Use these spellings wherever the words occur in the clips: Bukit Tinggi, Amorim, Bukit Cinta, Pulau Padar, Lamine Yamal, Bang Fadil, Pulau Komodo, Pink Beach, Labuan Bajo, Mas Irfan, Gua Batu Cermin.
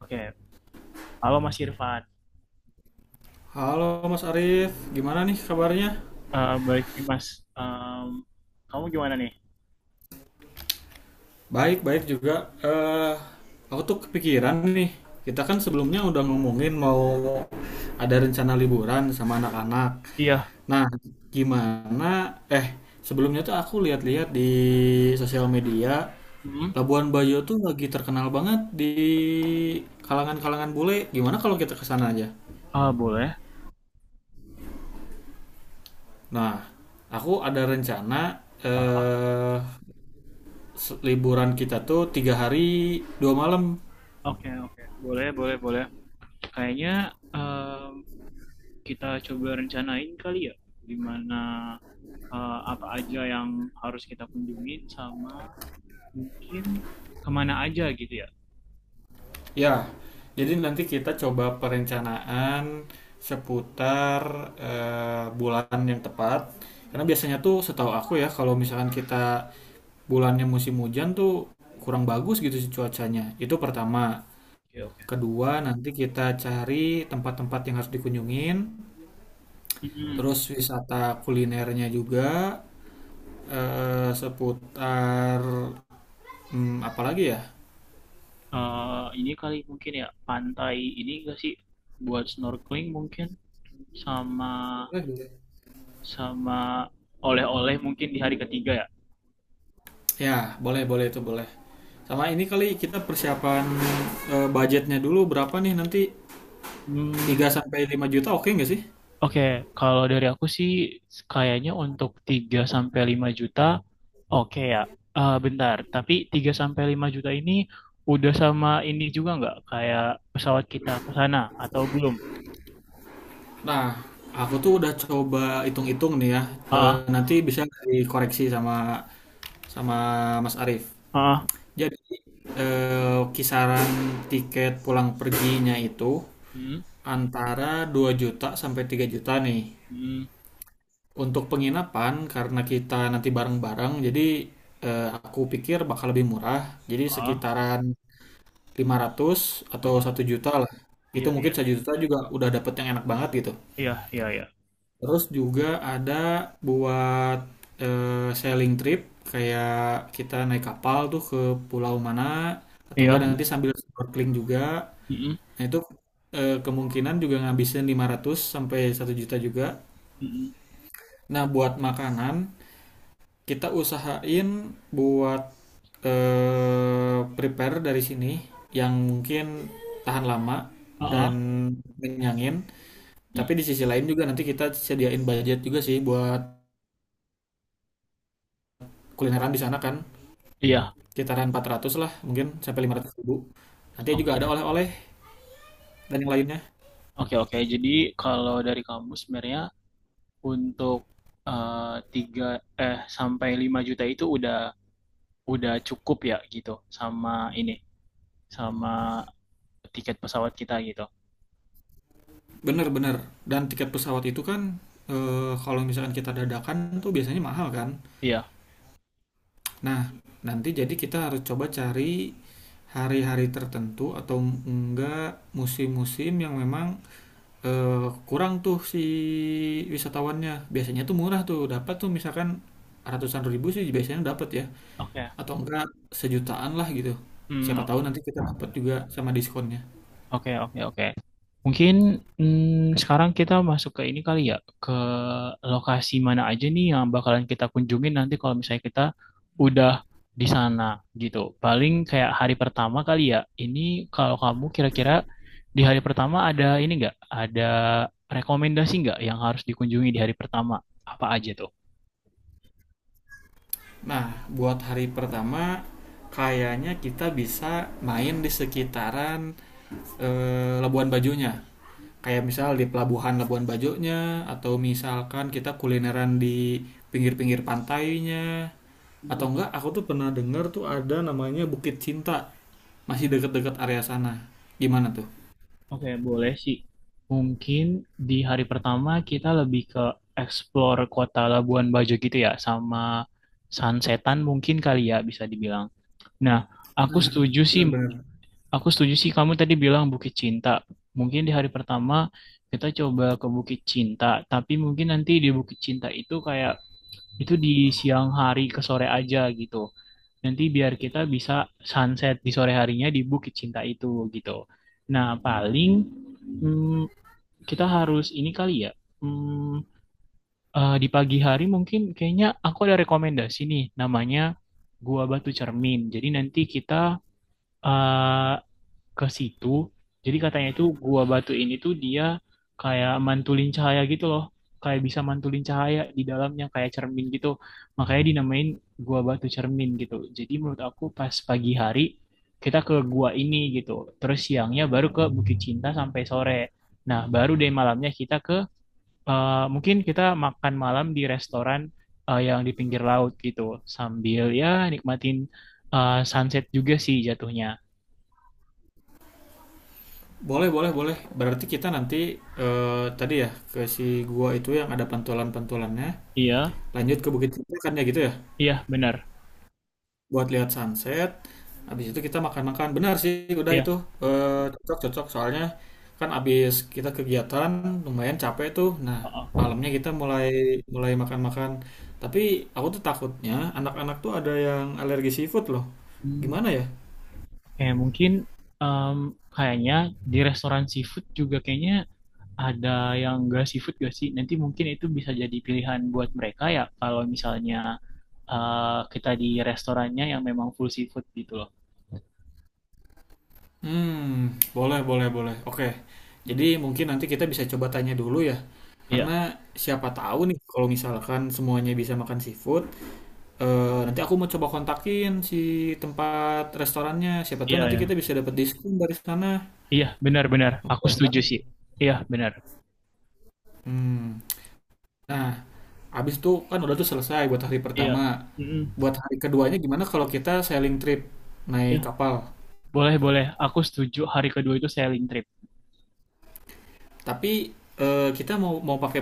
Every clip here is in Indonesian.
Oke, halo Mas Irfan. Halo Mas Arif, gimana nih kabarnya? Baik nih Mas, Em, kamu gimana nih? Baik, baik juga. Eh, aku tuh kepikiran nih. Kita kan sebelumnya udah ngomongin mau ada rencana liburan sama anak-anak. Iya. Nah, gimana? Eh, sebelumnya tuh aku lihat-lihat di sosial media. Hmm? Labuan Bajo tuh lagi terkenal banget di kalangan-kalangan bule. Gimana kalau kita ke sana aja? Ah, boleh. Nah, aku ada rencana Ah, ah, eh liburan kita tuh 3 hari 2 malam. oke, oke. Boleh, boleh, boleh. Kayaknya em, kita coba rencanain kali ya, gimana apa aja yang harus kita kunjungin sama mungkin kemana aja gitu ya. Ya, jadi nanti kita coba perencanaan seputar bulan yang tepat, karena mm biasanya tuh setahu aku ya, kalau misalkan kita bulannya musim hujan tuh kurang bagus gitu sih cuacanya, itu pertama. Oke, oke. Kedua, nanti kita cari tempat-tempat yang harus dikunjungin, mm terus wisata kulinernya juga, seputar apalagi ya. ini kali mungkin ya pantai ini gak sih buat snorkeling mungkin sama Eh, sama oleh-oleh mungkin di hari ketiga ya. Ya, boleh, boleh itu boleh. Sama ini kali kita persiapan budgetnya dulu berapa nih nanti, Hmm, 3 sampai 5 juta oke nggak sih? oke, kalau dari aku sih kayaknya untuk 3 sampai 5 juta oke ya. Bentar, tapi 3 sampai 5 juta ini udah sama ini juga nggak kayak pesawat kita ke sana atau belum? Nah, aku tuh udah coba hitung-hitung nih ya. Ah, Nanti bisa dikoreksi sama sama Mas Arif. ah, ah, Jadi kisaran tiket pulang perginya itu hmm, antara 2 juta sampai 3 juta nih. hmm, Untuk penginapan, karena kita nanti bareng-bareng jadi aku pikir bakal lebih murah. Jadi ah, sekitaran 500 ah, atau ah. 1 juta lah. Itu Iya, mungkin iya, 1 juta juga udah dapet yang enak banget gitu. iya, iya, iya, Terus juga ada buat sailing trip, kayak kita naik kapal tuh ke pulau mana, atau iya, enggak nanti sambil snorkeling juga. hmm, Nah, itu kemungkinan juga ngabisin 500 sampai 1 juta juga. hmm, Nah, buat makanan kita usahain buat prepare dari sini yang mungkin tahan lama ah, dan ah, kenyangin. hmm, Tapi di sisi lain juga nanti kita sediain budget juga sih buat kulineran di sana kan. iya, Sekitaran 400 lah mungkin sampai 500 ribu. Nanti juga ada oke. oleh-oleh dan yang lainnya. Oke, oke. Jadi kalau dari kamu sebenarnya untuk tiga sampai 5 juta itu udah cukup ya gitu sama ini sama tiket pesawat kita gitu. Bener-bener. Dan tiket pesawat itu kan kalau misalkan kita dadakan tuh biasanya mahal kan. Iya. Nah, nanti jadi kita harus coba cari hari-hari tertentu, atau enggak musim-musim yang memang eh kurang tuh si wisatawannya. Biasanya tuh murah tuh, dapat tuh misalkan ratusan ribu sih biasanya dapat ya, Oke. Okay. atau enggak sejutaan lah gitu. Hmm, Siapa tahu nanti kita dapat juga sama diskonnya. oke, oke, oke. Mungkin sekarang kita masuk ke ini kali ya, ke lokasi mana aja nih yang bakalan kita kunjungin nanti kalau misalnya kita udah di sana gitu. Paling kayak hari pertama kali ya. Ini kalau kamu kira-kira di hari pertama ada ini nggak? Ada rekomendasi nggak yang harus dikunjungi di hari pertama? Apa aja tuh? Nah, buat hari pertama kayaknya kita bisa main di sekitaran Labuan Bajonya. Kayak misal di pelabuhan Labuan Bajonya, atau misalkan kita kulineran di pinggir-pinggir pantainya, atau enggak aku tuh pernah dengar tuh ada namanya Bukit Cinta, masih deket-deket area sana. Gimana tuh? Oke, boleh sih. Mungkin di hari pertama kita lebih ke explore kota Labuan Bajo gitu ya, sama sunsetan mungkin kali ya bisa dibilang. Nah, aku setuju sih, Benar-benar. aku setuju sih kamu tadi bilang Bukit Cinta. Mungkin di hari pertama kita coba ke Bukit Cinta, tapi mungkin nanti di Bukit Cinta itu kayak itu di siang hari ke sore aja gitu. Nanti biar kita bisa sunset di sore harinya di Bukit Cinta itu gitu. Nah, paling hmm, kita harus ini kali ya. Hmm, di pagi hari mungkin kayaknya aku ada rekomendasi nih namanya Gua Batu Cermin. Jadi nanti kita eh, ke situ. Jadi katanya itu Gua Batu ini tuh dia kayak mantulin cahaya gitu loh. Kayak bisa mantulin cahaya di dalamnya kayak cermin gitu. Makanya dinamain Gua Batu Cermin gitu. Jadi menurut aku pas pagi hari kita ke gua ini gitu. Terus siangnya baru ke Bukit Cinta sampai sore. Nah, baru deh malamnya kita ke mungkin kita makan malam di restoran yang di pinggir laut gitu sambil ya nikmatin sunset juga sih jatuhnya. Boleh, boleh, boleh. Berarti kita nanti eh, tadi ya ke si gua itu yang ada pantulan-pantulannya. Iya, Lanjut ke Bukit Tinggi kan ya gitu ya. iya benar. Buat lihat sunset. Habis itu kita makan-makan. Benar sih, udah Iya. itu Eh, cocok-cocok. Soalnya kan habis kita kegiatan lumayan capek tuh. Nah, Heeh. malamnya kita mulai mulai makan-makan. Tapi aku tuh takutnya anak-anak tuh ada yang alergi seafood loh. Hmm, Gimana ya? oke, mungkin em, kayaknya di restoran seafood juga kayaknya ada yang nggak seafood gak sih? Nanti mungkin itu bisa jadi pilihan buat mereka ya kalau misalnya kita di restorannya yang memang full seafood gitu loh. Hmm, boleh, boleh, boleh. Oke. Jadi mungkin nanti kita bisa coba tanya dulu ya. Iya, Karena siapa tahu nih kalau misalkan semuanya bisa makan seafood, nanti aku mau coba kontakin si tempat restorannya. Siapa tahu iya, nanti iya. kita bisa dapat diskon dari sana. Iya, benar-benar. Aku Oke kan? setuju sih. Iya, benar. Hmm. Nah, abis itu kan udah tuh selesai buat hari Iya. pertama. Mm-mm. Buat hari keduanya gimana kalau kita sailing trip naik Ya, kapal? boleh, boleh. Aku setuju hari kedua itu sailing trip. Tapi kita mau mau pakai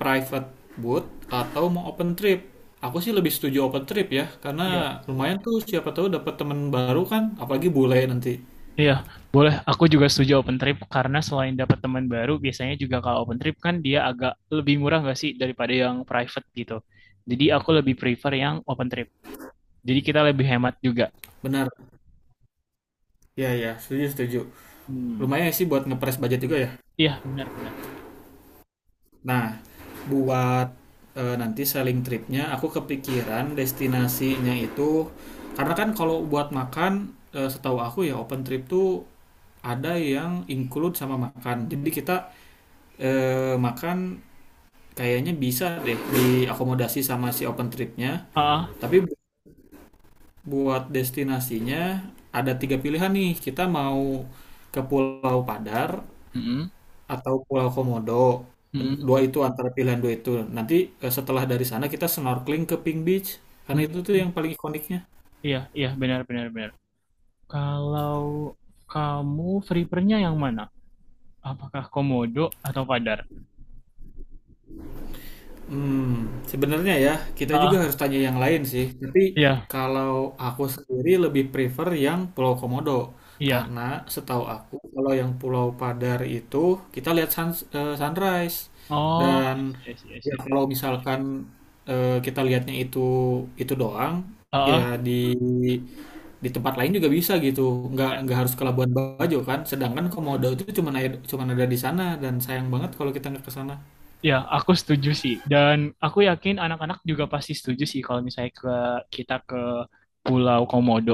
private boat atau mau open trip? Aku sih lebih setuju open trip ya, karena Iya. lumayan tuh siapa tahu dapat teman baru kan, apalagi bule nanti. Iya, boleh. Aku juga setuju open trip karena selain dapat teman baru, biasanya juga kalau open trip kan dia agak lebih murah nggak sih daripada yang private gitu. Jadi aku lebih prefer yang open trip. Jadi kita lebih hemat juga. Benar. Ya, ya, setuju, setuju. Hmm. Lumayan sih buat ngepres budget juga ya. Iya, benar-benar. Nah, buat nanti selling tripnya, aku kepikiran destinasinya itu, karena kan kalau buat makan, setahu aku ya open trip tuh ada yang include sama makan. Jadi kita eh, makan kayaknya bisa deh diakomodasi sama si open tripnya. Ah, Tapi buat destinasinya ada tiga pilihan nih. Kita mau ke Pulau Padar mm-mm, atau Pulau Komodo. Mm-mm, Dua itu, antara pilihan dua itu. Nanti setelah dari sana kita snorkeling ke Pink Beach, karena itu tuh mm-mm. yang paling ikoniknya. Iya, iya, benar-benar benar. Kalau kamu free nya yang mana? Apakah Komodo atau Padar? Hmm sebenarnya ya, kita juga Ah, harus tanya yang lain sih, tapi iya, kalau aku sendiri lebih prefer yang Pulau Komodo. iya. Karena setahu aku kalau yang Pulau Padar itu kita lihat sunrise Oh, dan I see, I see, I ya see. kalau misalkan, kita lihatnya itu doang, ya Heeh. di tempat lain juga bisa gitu, nggak harus ke Labuan Bajo kan, sedangkan Komodo itu cuma ada di sana, dan sayang banget kalau kita nggak ke sana. Ya, aku setuju sih. Dan aku yakin anak-anak juga pasti setuju sih kalau misalnya kita ke Pulau Komodo.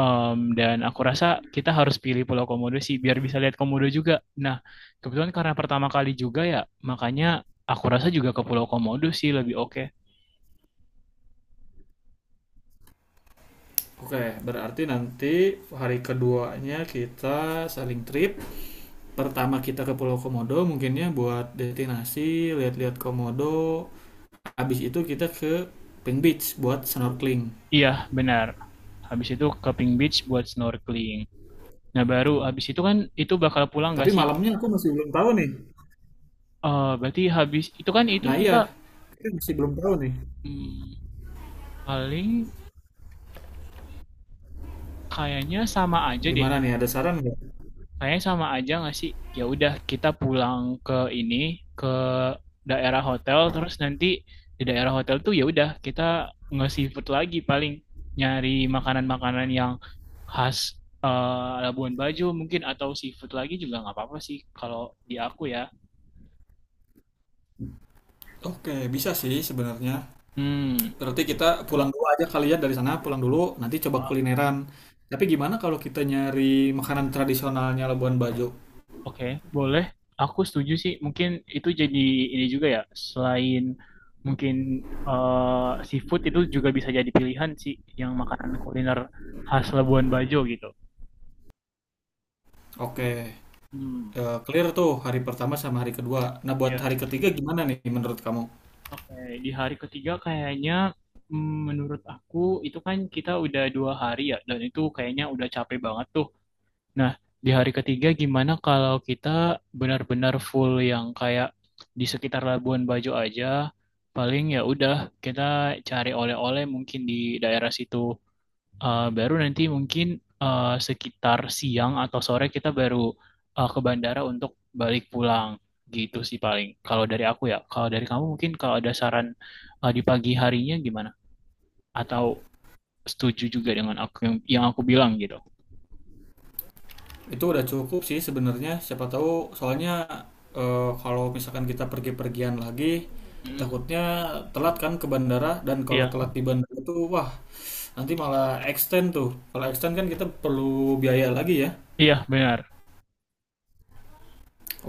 Dan aku rasa kita harus pilih Pulau Komodo sih biar bisa lihat Komodo juga. Nah, kebetulan karena pertama kali juga ya, makanya aku rasa juga ke Pulau Komodo sih lebih oke. Oke, berarti nanti hari keduanya kita saling trip. Pertama kita ke Pulau Komodo, mungkinnya buat destinasi, lihat-lihat Komodo. Habis itu kita ke Pink Beach buat snorkeling. Iya, benar. Habis itu ke Pink Beach buat snorkeling. Nah, baru habis itu kan itu bakal pulang Tapi gak sih? malamnya aku masih belum tahu nih. Berarti habis itu kan itu Nah kita iya, kita masih belum tahu nih. hmm, paling kayaknya sama aja deh. Gimana nih, ada saran nggak? Kayaknya sama aja nggak sih? Ya udah kita pulang ke ini ke daerah hotel terus nanti di daerah hotel tuh ya udah kita nge-seafood lagi paling nyari makanan-makanan yang khas Labuan Bajo mungkin atau seafood lagi juga nggak apa-apa sih kalau di aku ya. Oke, bisa sih sebenarnya. Hmm. Berarti kita pulang dulu aja kali ya dari sana, pulang dulu, nanti coba kulineran. Tapi gimana kalau kita nyari makanan tradisionalnya Labuan Bajo? Oke, boleh. Aku setuju sih. Mungkin itu jadi ini juga ya. Selain mungkin seafood itu juga bisa jadi pilihan sih yang makanan kuliner khas Labuan Bajo gitu. Oke, Hmm. Clear tuh hari pertama sama hari kedua. Nah, buat Ya. hari ketiga gimana nih menurut kamu? Oke, di hari ketiga kayaknya menurut aku itu kan kita udah 2 hari ya dan itu kayaknya udah capek banget tuh. Nah, di hari ketiga gimana kalau kita benar-benar full yang kayak di sekitar Labuan Bajo aja, paling ya udah kita cari oleh-oleh mungkin di daerah situ. Baru nanti mungkin sekitar siang atau sore kita baru ke bandara untuk balik pulang. Gitu sih paling. Kalau dari aku ya, kalau dari kamu mungkin kalau ada saran di pagi harinya gimana? Atau setuju juga dengan aku yang aku bilang gitu? Itu udah cukup sih sebenarnya. Siapa tahu soalnya kalau misalkan kita pergi-pergian lagi, Hmm, takutnya telat kan ke bandara, dan kalau iya, telat di bandara tuh wah nanti malah extend tuh. Kalau extend kan kita perlu biaya lagi ya. iya benar.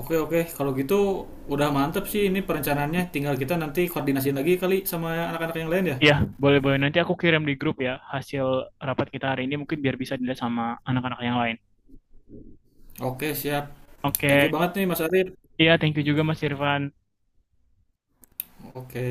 Oke, oke, kalau gitu udah mantep sih ini perencanaannya. Tinggal kita nanti koordinasi lagi kali sama anak-anak yang lain ya. Iya, boleh-boleh. Nanti aku kirim di grup ya hasil rapat kita hari ini mungkin biar bisa dilihat sama anak-anak yang lain. Oke, siap. Thank you Oke, banget nih Mas Arif. iya, thank you juga Mas Irfan. Oke.